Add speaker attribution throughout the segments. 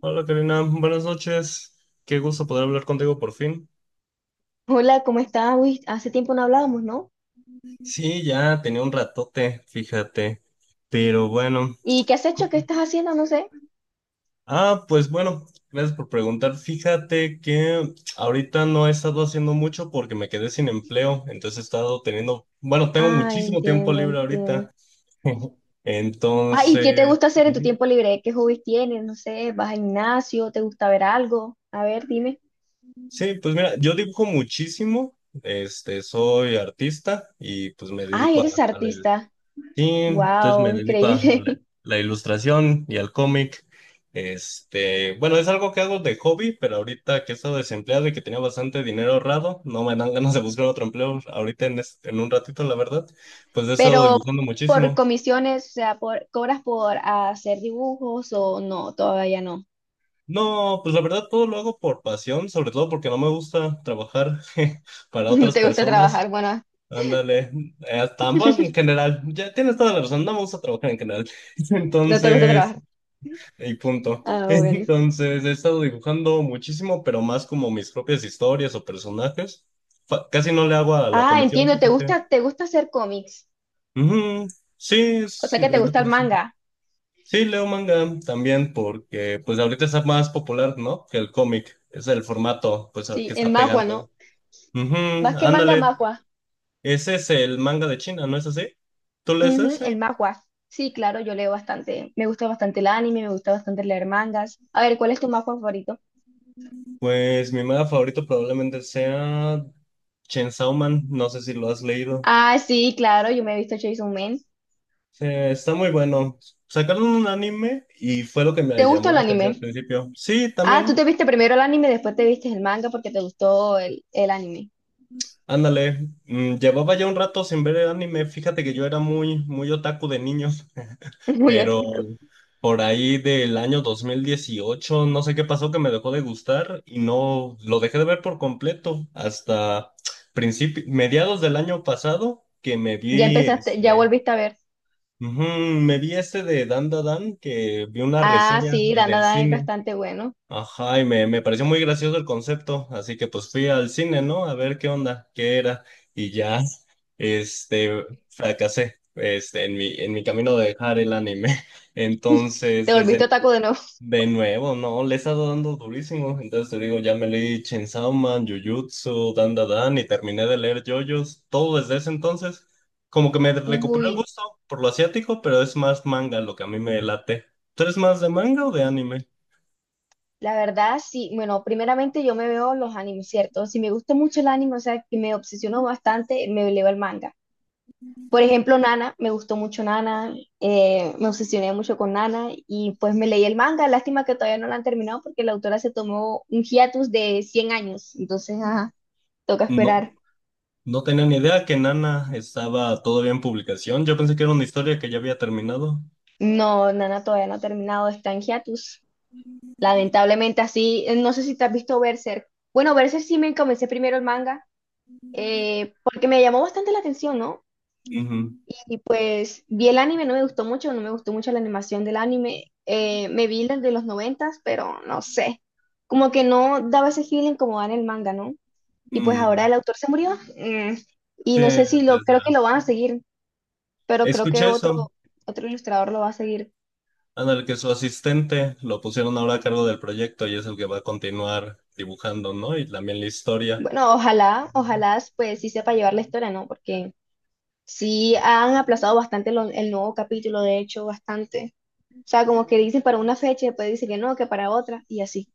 Speaker 1: Hola Karina, buenas noches. Qué gusto poder hablar contigo por fin.
Speaker 2: Hola, ¿cómo estás? Uy, hace tiempo no hablábamos, ¿no?
Speaker 1: Sí, ya tenía un ratote, fíjate. Pero bueno.
Speaker 2: ¿Y qué has
Speaker 1: co-
Speaker 2: hecho? ¿Qué estás haciendo? No sé.
Speaker 1: Ah, pues bueno, gracias por preguntar. Fíjate que ahorita no he estado haciendo mucho porque me quedé sin empleo. Entonces he estado teniendo, bueno, tengo
Speaker 2: Ah,
Speaker 1: muchísimo tiempo
Speaker 2: entiendo,
Speaker 1: libre
Speaker 2: entiendo.
Speaker 1: ahorita.
Speaker 2: Ah, ¿y qué te
Speaker 1: Entonces,
Speaker 2: gusta hacer en tu
Speaker 1: ujú.
Speaker 2: tiempo libre? ¿Qué hobbies tienes? No sé, ¿vas al gimnasio? ¿Te gusta ver algo? A ver, dime.
Speaker 1: Sí, pues mira, yo dibujo muchísimo. Este, soy artista y pues me
Speaker 2: Ah,
Speaker 1: dedico a,
Speaker 2: eres
Speaker 1: a la.
Speaker 2: artista.
Speaker 1: Sí, entonces
Speaker 2: Wow,
Speaker 1: me dedico a la,
Speaker 2: increíble.
Speaker 1: la ilustración y al cómic. Este, bueno, es algo que hago de hobby, pero ahorita que he estado desempleado y que tenía bastante dinero ahorrado, no me dan ganas de buscar otro empleo ahorita en, en un ratito, la verdad. Pues he estado
Speaker 2: Pero
Speaker 1: dibujando
Speaker 2: por
Speaker 1: muchísimo.
Speaker 2: comisiones, o sea, por, ¿cobras por hacer dibujos o no? Todavía no.
Speaker 1: No, pues la verdad todo lo hago por pasión, sobre todo porque no me gusta trabajar para
Speaker 2: No
Speaker 1: otras
Speaker 2: te gusta
Speaker 1: personas.
Speaker 2: trabajar, bueno,
Speaker 1: Ándale, tampoco en general, ya tienes toda la razón, no me gusta trabajar en general.
Speaker 2: no te gusta
Speaker 1: Entonces...
Speaker 2: trabajar.
Speaker 1: Y punto.
Speaker 2: Ah, bueno.
Speaker 1: Entonces, he estado dibujando muchísimo, pero más como mis propias historias o personajes. Casi no le hago a la
Speaker 2: Ah,
Speaker 1: comisión,
Speaker 2: entiendo,
Speaker 1: fíjate.
Speaker 2: te gusta hacer cómics.
Speaker 1: Ujú. Sí,
Speaker 2: O
Speaker 1: es,
Speaker 2: sea que te
Speaker 1: me
Speaker 2: gusta
Speaker 1: late
Speaker 2: el
Speaker 1: bastante.
Speaker 2: manga.
Speaker 1: Sí, leo manga también porque pues ahorita está más popular, ¿no? Que el cómic. Es el formato, pues, al
Speaker 2: Sí,
Speaker 1: que
Speaker 2: el
Speaker 1: está
Speaker 2: manhwa, ¿no?
Speaker 1: pegando. Ujú,
Speaker 2: Más que manga,
Speaker 1: ándale.
Speaker 2: manhwa.
Speaker 1: Ese es el manga de China, ¿no es así? ¿Tú lees
Speaker 2: Ujú,
Speaker 1: ese?
Speaker 2: el manhwa. Sí, claro, yo leo bastante. Me gusta bastante el anime, me gusta bastante leer mangas. A ver, ¿cuál es tu manhwa favorito?
Speaker 1: Pues mi manga favorito probablemente sea Chainsaw Man. No sé si lo has leído.
Speaker 2: Ah, sí, claro, yo me he visto Chainsaw Man.
Speaker 1: Sí, está muy bueno. Sacaron un anime y fue lo que me
Speaker 2: ¿Te gustó
Speaker 1: llamó
Speaker 2: el
Speaker 1: la atención al
Speaker 2: anime?
Speaker 1: principio. Sí,
Speaker 2: Ah,
Speaker 1: también.
Speaker 2: tú te viste primero el anime, después te viste el manga porque te gustó el anime.
Speaker 1: Ándale. Mm, llevaba ya un rato sin ver el anime. Fíjate que yo era muy, muy otaku de niño,
Speaker 2: Muy
Speaker 1: pero
Speaker 2: ótico.
Speaker 1: por ahí del año 2018 no sé qué pasó que me dejó de gustar y no lo dejé de ver por completo hasta mediados del año pasado que me
Speaker 2: Ya
Speaker 1: vi
Speaker 2: empezaste, ya
Speaker 1: este,
Speaker 2: volviste a ver.
Speaker 1: ujú, me vi este de Dan Da Dan que vi una
Speaker 2: Ah,
Speaker 1: reseña
Speaker 2: sí,
Speaker 1: en el
Speaker 2: Dandadan es
Speaker 1: cine.
Speaker 2: bastante bueno.
Speaker 1: Ajá, y me pareció muy gracioso el concepto, así que pues fui al cine, ¿no? A ver qué onda, qué era, y ya, este, fracasé, este, en mi camino de dejar el anime. Entonces,
Speaker 2: Te volviste
Speaker 1: desde,
Speaker 2: otaku de nuevo.
Speaker 1: de nuevo, ¿no? Le he estado dando durísimo, entonces te digo, ya me leí Chainsaw Man, Jujutsu, Dan Dan Dan, y terminé de leer JoJo's, todo desde ese entonces, como que me recuperé el
Speaker 2: Uy.
Speaker 1: gusto por lo asiático, pero es más manga lo que a mí me late. ¿Tú eres más de manga o de anime?
Speaker 2: La verdad, sí. Bueno, primeramente yo me veo los animes, ¿cierto? Si me gusta mucho el anime, o sea, que me obsesiono bastante, me leo el manga. Por ejemplo, Nana, me gustó mucho Nana, me obsesioné mucho con Nana y pues me leí el manga. Lástima que todavía no lo han terminado porque la autora se tomó un hiatus de 100 años. Entonces, ajá, toca
Speaker 1: No.
Speaker 2: esperar.
Speaker 1: No tenía ni idea que Nana estaba todavía en publicación. Yo pensé que era una historia que ya había terminado.
Speaker 2: No, Nana todavía no ha terminado, está en hiatus. Lamentablemente así, no sé si te has visto Berserk. Bueno, Berserk sí me comencé primero el manga porque me llamó bastante la atención, ¿no?
Speaker 1: Ujú.
Speaker 2: Y pues vi el anime, no me gustó mucho, no me gustó mucho la animación del anime. Me vi las de los noventas, pero no sé. Como que no daba ese feeling como da en el manga, ¿no? Y pues ahora
Speaker 1: Mm,
Speaker 2: el autor se murió. mm, y
Speaker 1: sí,
Speaker 2: no sé si lo, creo
Speaker 1: tercera.
Speaker 2: que lo van a seguir, pero creo que
Speaker 1: Escuché eso,
Speaker 2: otro, otro ilustrador lo va a seguir.
Speaker 1: en el que su asistente lo pusieron ahora a cargo del proyecto y es el que va a continuar dibujando, ¿no? Y también la historia.
Speaker 2: Bueno, ojalá, ojalá pues sí sepa llevar la historia, ¿no? Porque sí han aplazado bastante lo- el nuevo capítulo, de hecho, bastante. O sea, como que dicen para una fecha y después dicen que no, que para otra, y así.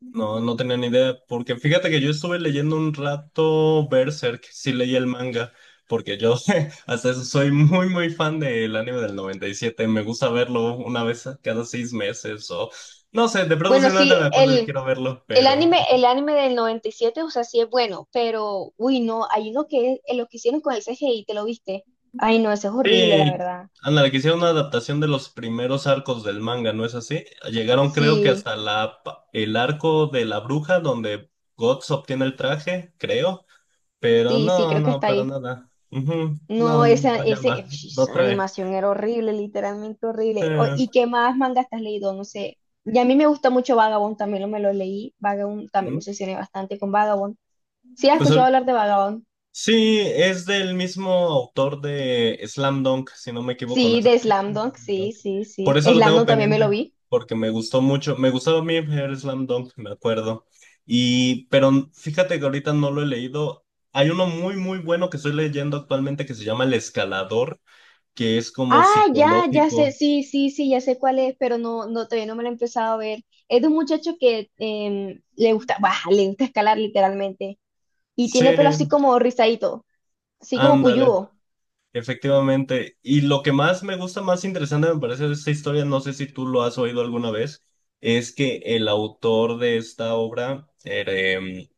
Speaker 1: No, no tenía ni idea, porque fíjate que yo estuve leyendo un rato Berserk, sí leí el manga, porque yo hasta eso soy muy, muy fan del anime del 97, me gusta verlo cada 6 meses o no sé, de pronto
Speaker 2: Bueno, sí,
Speaker 1: simplemente me acuerdo que quiero verlo,
Speaker 2: el
Speaker 1: pero...
Speaker 2: anime, el anime del 97, o sea, sí es bueno, pero, uy, no, hay uno que es, lo que hicieron con el CGI, ¿te lo viste? Ay, no, ese es horrible, la
Speaker 1: Sí,
Speaker 2: verdad.
Speaker 1: ándale, que hicieron una adaptación de los primeros arcos del manga, ¿no es así? Llegaron creo que
Speaker 2: Sí,
Speaker 1: hasta el arco de la bruja donde Guts obtiene el traje, creo. Pero
Speaker 2: sí, sí,
Speaker 1: no,
Speaker 2: creo que
Speaker 1: no,
Speaker 2: está
Speaker 1: para
Speaker 2: ahí.
Speaker 1: nada. Ujú. No,
Speaker 2: No,
Speaker 1: no,
Speaker 2: esa,
Speaker 1: no
Speaker 2: ese,
Speaker 1: llama,
Speaker 2: ush,
Speaker 1: no
Speaker 2: esa
Speaker 1: trae.
Speaker 2: animación era horrible, literalmente horrible. O-
Speaker 1: Eh,
Speaker 2: ¿y qué más manga has leído? No sé. Y a mí me gusta mucho Vagabond, también lo, me lo leí. Vagabond, también me
Speaker 1: mm,
Speaker 2: obsesioné bastante con Vagabond. ¿Sí has
Speaker 1: pues
Speaker 2: escuchado
Speaker 1: ahorita-
Speaker 2: hablar de Vagabond?
Speaker 1: sí, es del mismo autor de Slam Dunk, si no me equivoco, ¿no
Speaker 2: Sí,
Speaker 1: es
Speaker 2: de
Speaker 1: así?
Speaker 2: Slam Dunk, sí,
Speaker 1: Dunk.
Speaker 2: sí,
Speaker 1: Por
Speaker 2: sí.
Speaker 1: eso lo
Speaker 2: Slam
Speaker 1: tengo
Speaker 2: Dunk también me lo
Speaker 1: pendiente,
Speaker 2: vi.
Speaker 1: porque me gustó mucho, me gustaba a mí ver Slam Dunk, me acuerdo. Y, pero fíjate que ahorita no lo he leído. Hay uno muy, muy bueno que estoy leyendo actualmente que se llama El Escalador, que es como
Speaker 2: Ah, ya, ya sé,
Speaker 1: psicológico.
Speaker 2: sí, sí, sí, ya sé cuál es, pero no, no, todavía no me lo he empezado a ver. Es de un muchacho que le gusta, bah, le gusta escalar literalmente. Y
Speaker 1: Sí,
Speaker 2: tiene pelo así como rizadito, así como
Speaker 1: ándale.
Speaker 2: puyúo.
Speaker 1: Efectivamente. Y lo que más me gusta, más interesante me parece de esta historia, no sé si tú lo has oído alguna vez, es que el autor de esta obra era,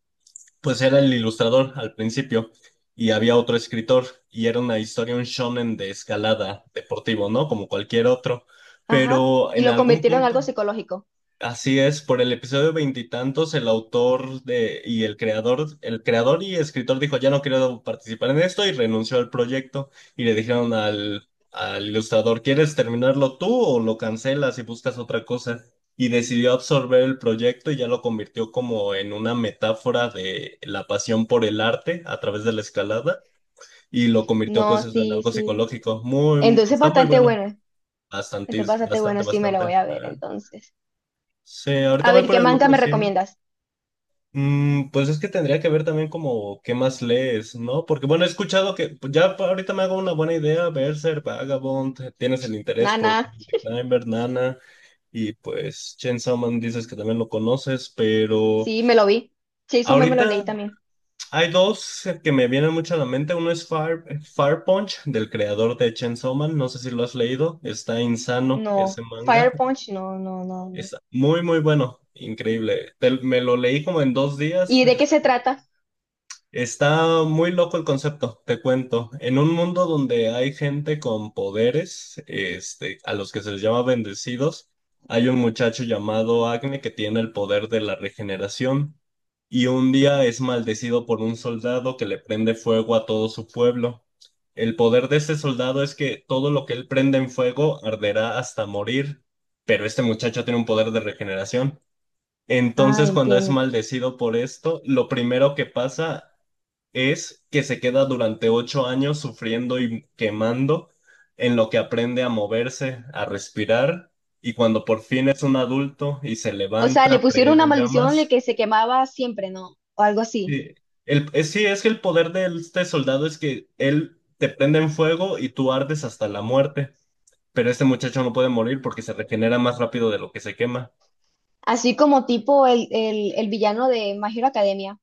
Speaker 1: pues era el ilustrador al principio y había otro escritor y era una historia, un shonen de escalada deportivo, ¿no? Como cualquier otro.
Speaker 2: Ajá.
Speaker 1: Pero
Speaker 2: Y
Speaker 1: en
Speaker 2: lo
Speaker 1: algún
Speaker 2: convirtieron en algo
Speaker 1: punto,
Speaker 2: psicológico.
Speaker 1: así es, por el episodio veintitantos, el autor de, y el creador y escritor dijo, ya no quiero participar en esto y renunció al proyecto. Y le dijeron al ilustrador, ¿quieres terminarlo tú o lo cancelas y buscas otra cosa? Y decidió absorber el proyecto y ya lo convirtió como en una metáfora de la pasión por el arte a través de la escalada y lo convirtió
Speaker 2: No,
Speaker 1: pues eso en
Speaker 2: sí,
Speaker 1: algo
Speaker 2: sí.
Speaker 1: psicológico. Muy,
Speaker 2: Entonces
Speaker 1: está muy
Speaker 2: bastante
Speaker 1: bueno.
Speaker 2: bueno.
Speaker 1: Bastante,
Speaker 2: Entonces bastante bueno,
Speaker 1: bastante,
Speaker 2: sí me lo
Speaker 1: bastante.
Speaker 2: voy a ver entonces.
Speaker 1: Sí, ahorita
Speaker 2: A
Speaker 1: voy
Speaker 2: ver,
Speaker 1: por
Speaker 2: ¿qué
Speaker 1: el
Speaker 2: manga
Speaker 1: número
Speaker 2: me
Speaker 1: cien.
Speaker 2: recomiendas?
Speaker 1: Mm, pues es que tendría que ver también como qué más lees, ¿no? Porque bueno, he escuchado que pues, ya ahorita me hago una buena idea, Berserk, Vagabond, tienes el interés por
Speaker 2: Nana,
Speaker 1: The Climber, Nana, y pues Chainsaw Man dices que también lo conoces, pero
Speaker 2: sí, me lo vi. Chainsaw Man me lo leí
Speaker 1: ahorita
Speaker 2: también.
Speaker 1: hay dos que me vienen mucho a la mente, uno es Fire Punch, del creador de Chainsaw Man, no sé si lo has leído, está insano
Speaker 2: No,
Speaker 1: ese manga,
Speaker 2: Fire Punch, no, no, no, no.
Speaker 1: está muy muy bueno, increíble. Me lo leí como en 2 días.
Speaker 2: ¿Y de qué se trata?
Speaker 1: Está muy loco el concepto, te cuento. En un mundo donde hay gente con poderes, este, a los que se les llama bendecidos, hay un muchacho llamado Agne que tiene el poder de la regeneración y un día es maldecido por un soldado que le prende fuego a todo su pueblo. El poder de ese soldado es que todo lo que él prende en fuego arderá hasta morir, pero este muchacho tiene un poder de regeneración.
Speaker 2: Ah,
Speaker 1: Entonces, cuando es
Speaker 2: entiendo.
Speaker 1: maldecido por esto, lo primero que pasa es que se queda durante 8 años sufriendo y quemando en lo que aprende a moverse, a respirar, y cuando por fin es un adulto y se
Speaker 2: O sea,
Speaker 1: levanta,
Speaker 2: le pusieron
Speaker 1: prendido
Speaker 2: una
Speaker 1: en
Speaker 2: maldición de
Speaker 1: llamas.
Speaker 2: que se quemaba siempre, ¿no? O algo así.
Speaker 1: Sí, sí, es que el poder de este soldado es que él te prende en fuego y tú ardes hasta la muerte, pero este muchacho no puede morir porque se regenera más rápido de lo que se quema.
Speaker 2: Así como tipo el villano de My Hero Academia.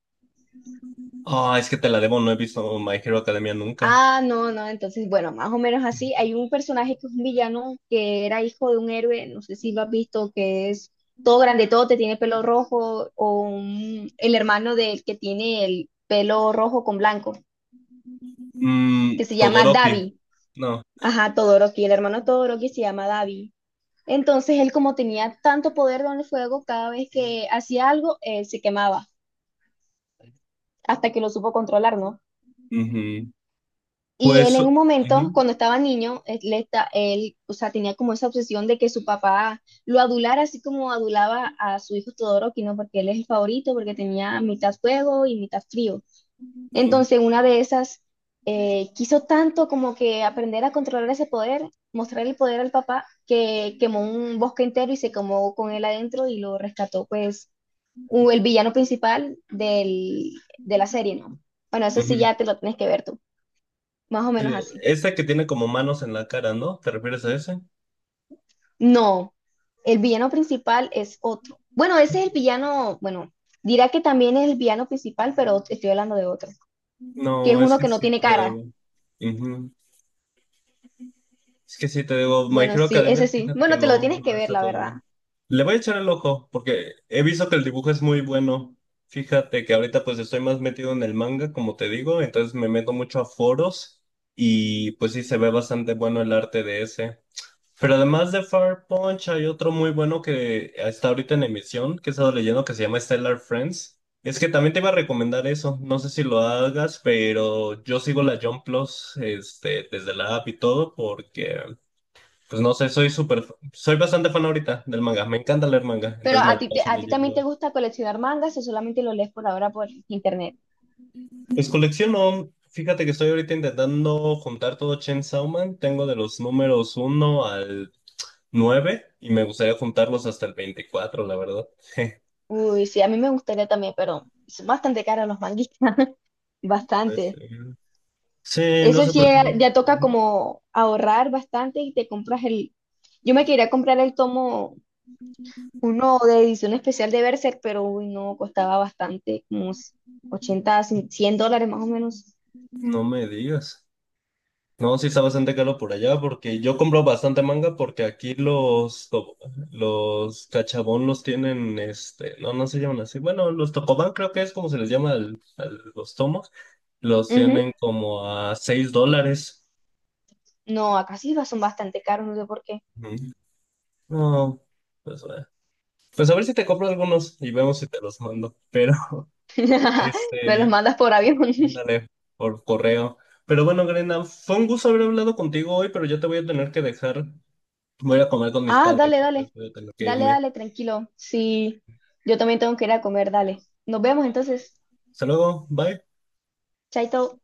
Speaker 1: Ah, es que te la debo, no he visto My Hero Academia nunca.
Speaker 2: Ah, no, no, entonces, bueno, más o menos así. Hay un personaje que es un villano que era hijo de un héroe, no sé si lo has visto, que es todo grande, todo te tiene pelo rojo, o un- el hermano del que tiene el pelo rojo con blanco, que
Speaker 1: Mm,
Speaker 2: se llama
Speaker 1: Todoroki,
Speaker 2: Davi.
Speaker 1: no.
Speaker 2: Ajá, Todoroki, el hermano Todoroki se llama Davi. Entonces él como tenía tanto poder con el fuego, cada vez que hacía algo, él se quemaba, hasta que lo supo controlar, ¿no?
Speaker 1: Ujú.
Speaker 2: Y él
Speaker 1: Pues...
Speaker 2: en un momento,
Speaker 1: ujú.
Speaker 2: cuando estaba niño, él, le esta- él, o sea, tenía como esa obsesión de que su papá lo adulara, así como adulaba a su hijo Todoroki, ¿no? Porque él es el favorito, porque tenía mitad fuego y mitad frío.
Speaker 1: Ujú,
Speaker 2: Entonces, una de esas, quiso tanto como que aprender a controlar ese poder, mostrar el poder al papá, que quemó un bosque entero y se quemó con él adentro y lo rescató, pues, o el villano principal del, de la serie, ¿no? Bueno, eso sí
Speaker 1: ujú.
Speaker 2: ya te lo tienes que ver tú, más o
Speaker 1: Sí,
Speaker 2: menos así.
Speaker 1: esa que tiene como manos en la cara, ¿no? ¿Te refieres a ese?
Speaker 2: No, el villano principal es otro. Bueno, ese es el villano, bueno, dirá que también es el villano principal, pero estoy hablando de otro, que es
Speaker 1: No, es
Speaker 2: uno
Speaker 1: que
Speaker 2: que no
Speaker 1: sí te
Speaker 2: tiene
Speaker 1: lo
Speaker 2: cara.
Speaker 1: debo. Ujú. Es que sí, te digo, My
Speaker 2: Bueno,
Speaker 1: Hero
Speaker 2: sí,
Speaker 1: Academia,
Speaker 2: ese sí.
Speaker 1: fíjate que
Speaker 2: Bueno, te lo
Speaker 1: no,
Speaker 2: tienes
Speaker 1: no lo
Speaker 2: que
Speaker 1: he
Speaker 2: ver,
Speaker 1: visto
Speaker 2: la
Speaker 1: todavía.
Speaker 2: verdad.
Speaker 1: Le voy a echar el ojo, porque he visto que el dibujo es muy bueno. Fíjate que ahorita pues estoy más metido en el manga, como te digo, entonces me meto mucho a foros y pues sí se ve bastante bueno el arte de ese. Pero además de Fire Punch hay otro muy bueno que está ahorita en emisión, que he estado leyendo, que se llama Stellar Friends. Es que también te iba a recomendar eso, no sé si lo hagas, pero yo sigo la Jump Plus, este, desde la app y todo, porque, pues no sé, soy súper, soy bastante fan ahorita del manga, me encanta leer manga,
Speaker 2: Pero
Speaker 1: entonces me
Speaker 2: a
Speaker 1: la
Speaker 2: ti, te-
Speaker 1: paso
Speaker 2: a ti también te
Speaker 1: leyendo.
Speaker 2: gusta coleccionar mangas o solamente lo lees por ahora por internet.
Speaker 1: Pues colecciono, fíjate que estoy ahorita intentando juntar todo Chainsaw Man, tengo de los números uno al 9 y me gustaría juntarlos hasta el 24 la verdad.
Speaker 2: Uy, sí, a mí me gustaría también, pero son bastante caros los manguitas,
Speaker 1: Pues,
Speaker 2: bastante.
Speaker 1: sí, no
Speaker 2: Eso
Speaker 1: sé
Speaker 2: sí,
Speaker 1: por qué.
Speaker 2: ya, ya toca
Speaker 1: Ujú.
Speaker 2: como ahorrar bastante y te compras el... Yo me quería comprar el tomo uno de edición especial de Berserk, pero uy, no, costaba bastante, como unos ochenta, cien $100 más o menos.
Speaker 1: No me digas. No, sí está bastante caro por allá porque yo compro bastante manga porque aquí los cachabón los tienen, este, no, no se llaman así. Bueno, los tocobán creo que es como se les llama los tomos. Los
Speaker 2: Ujú.
Speaker 1: tienen como a $6.
Speaker 2: No, acá sí va- son bastante caros, no sé por qué.
Speaker 1: Ujú. No, pues, pues a ver si te compro algunos y vemos si te los mando. Pero,
Speaker 2: Me los
Speaker 1: este,
Speaker 2: mandas por avión.
Speaker 1: mándale por correo. Pero bueno, Grena, fue un gusto haber hablado contigo hoy, pero yo te voy a tener que dejar. Voy a ir a comer con mis
Speaker 2: Ah,
Speaker 1: padres,
Speaker 2: dale,
Speaker 1: entonces
Speaker 2: dale.
Speaker 1: voy a tener que
Speaker 2: Dale,
Speaker 1: irme.
Speaker 2: dale, tranquilo. Sí, yo también tengo que ir a comer, dale. Nos vemos entonces.
Speaker 1: Hasta luego, bye.
Speaker 2: Chaito.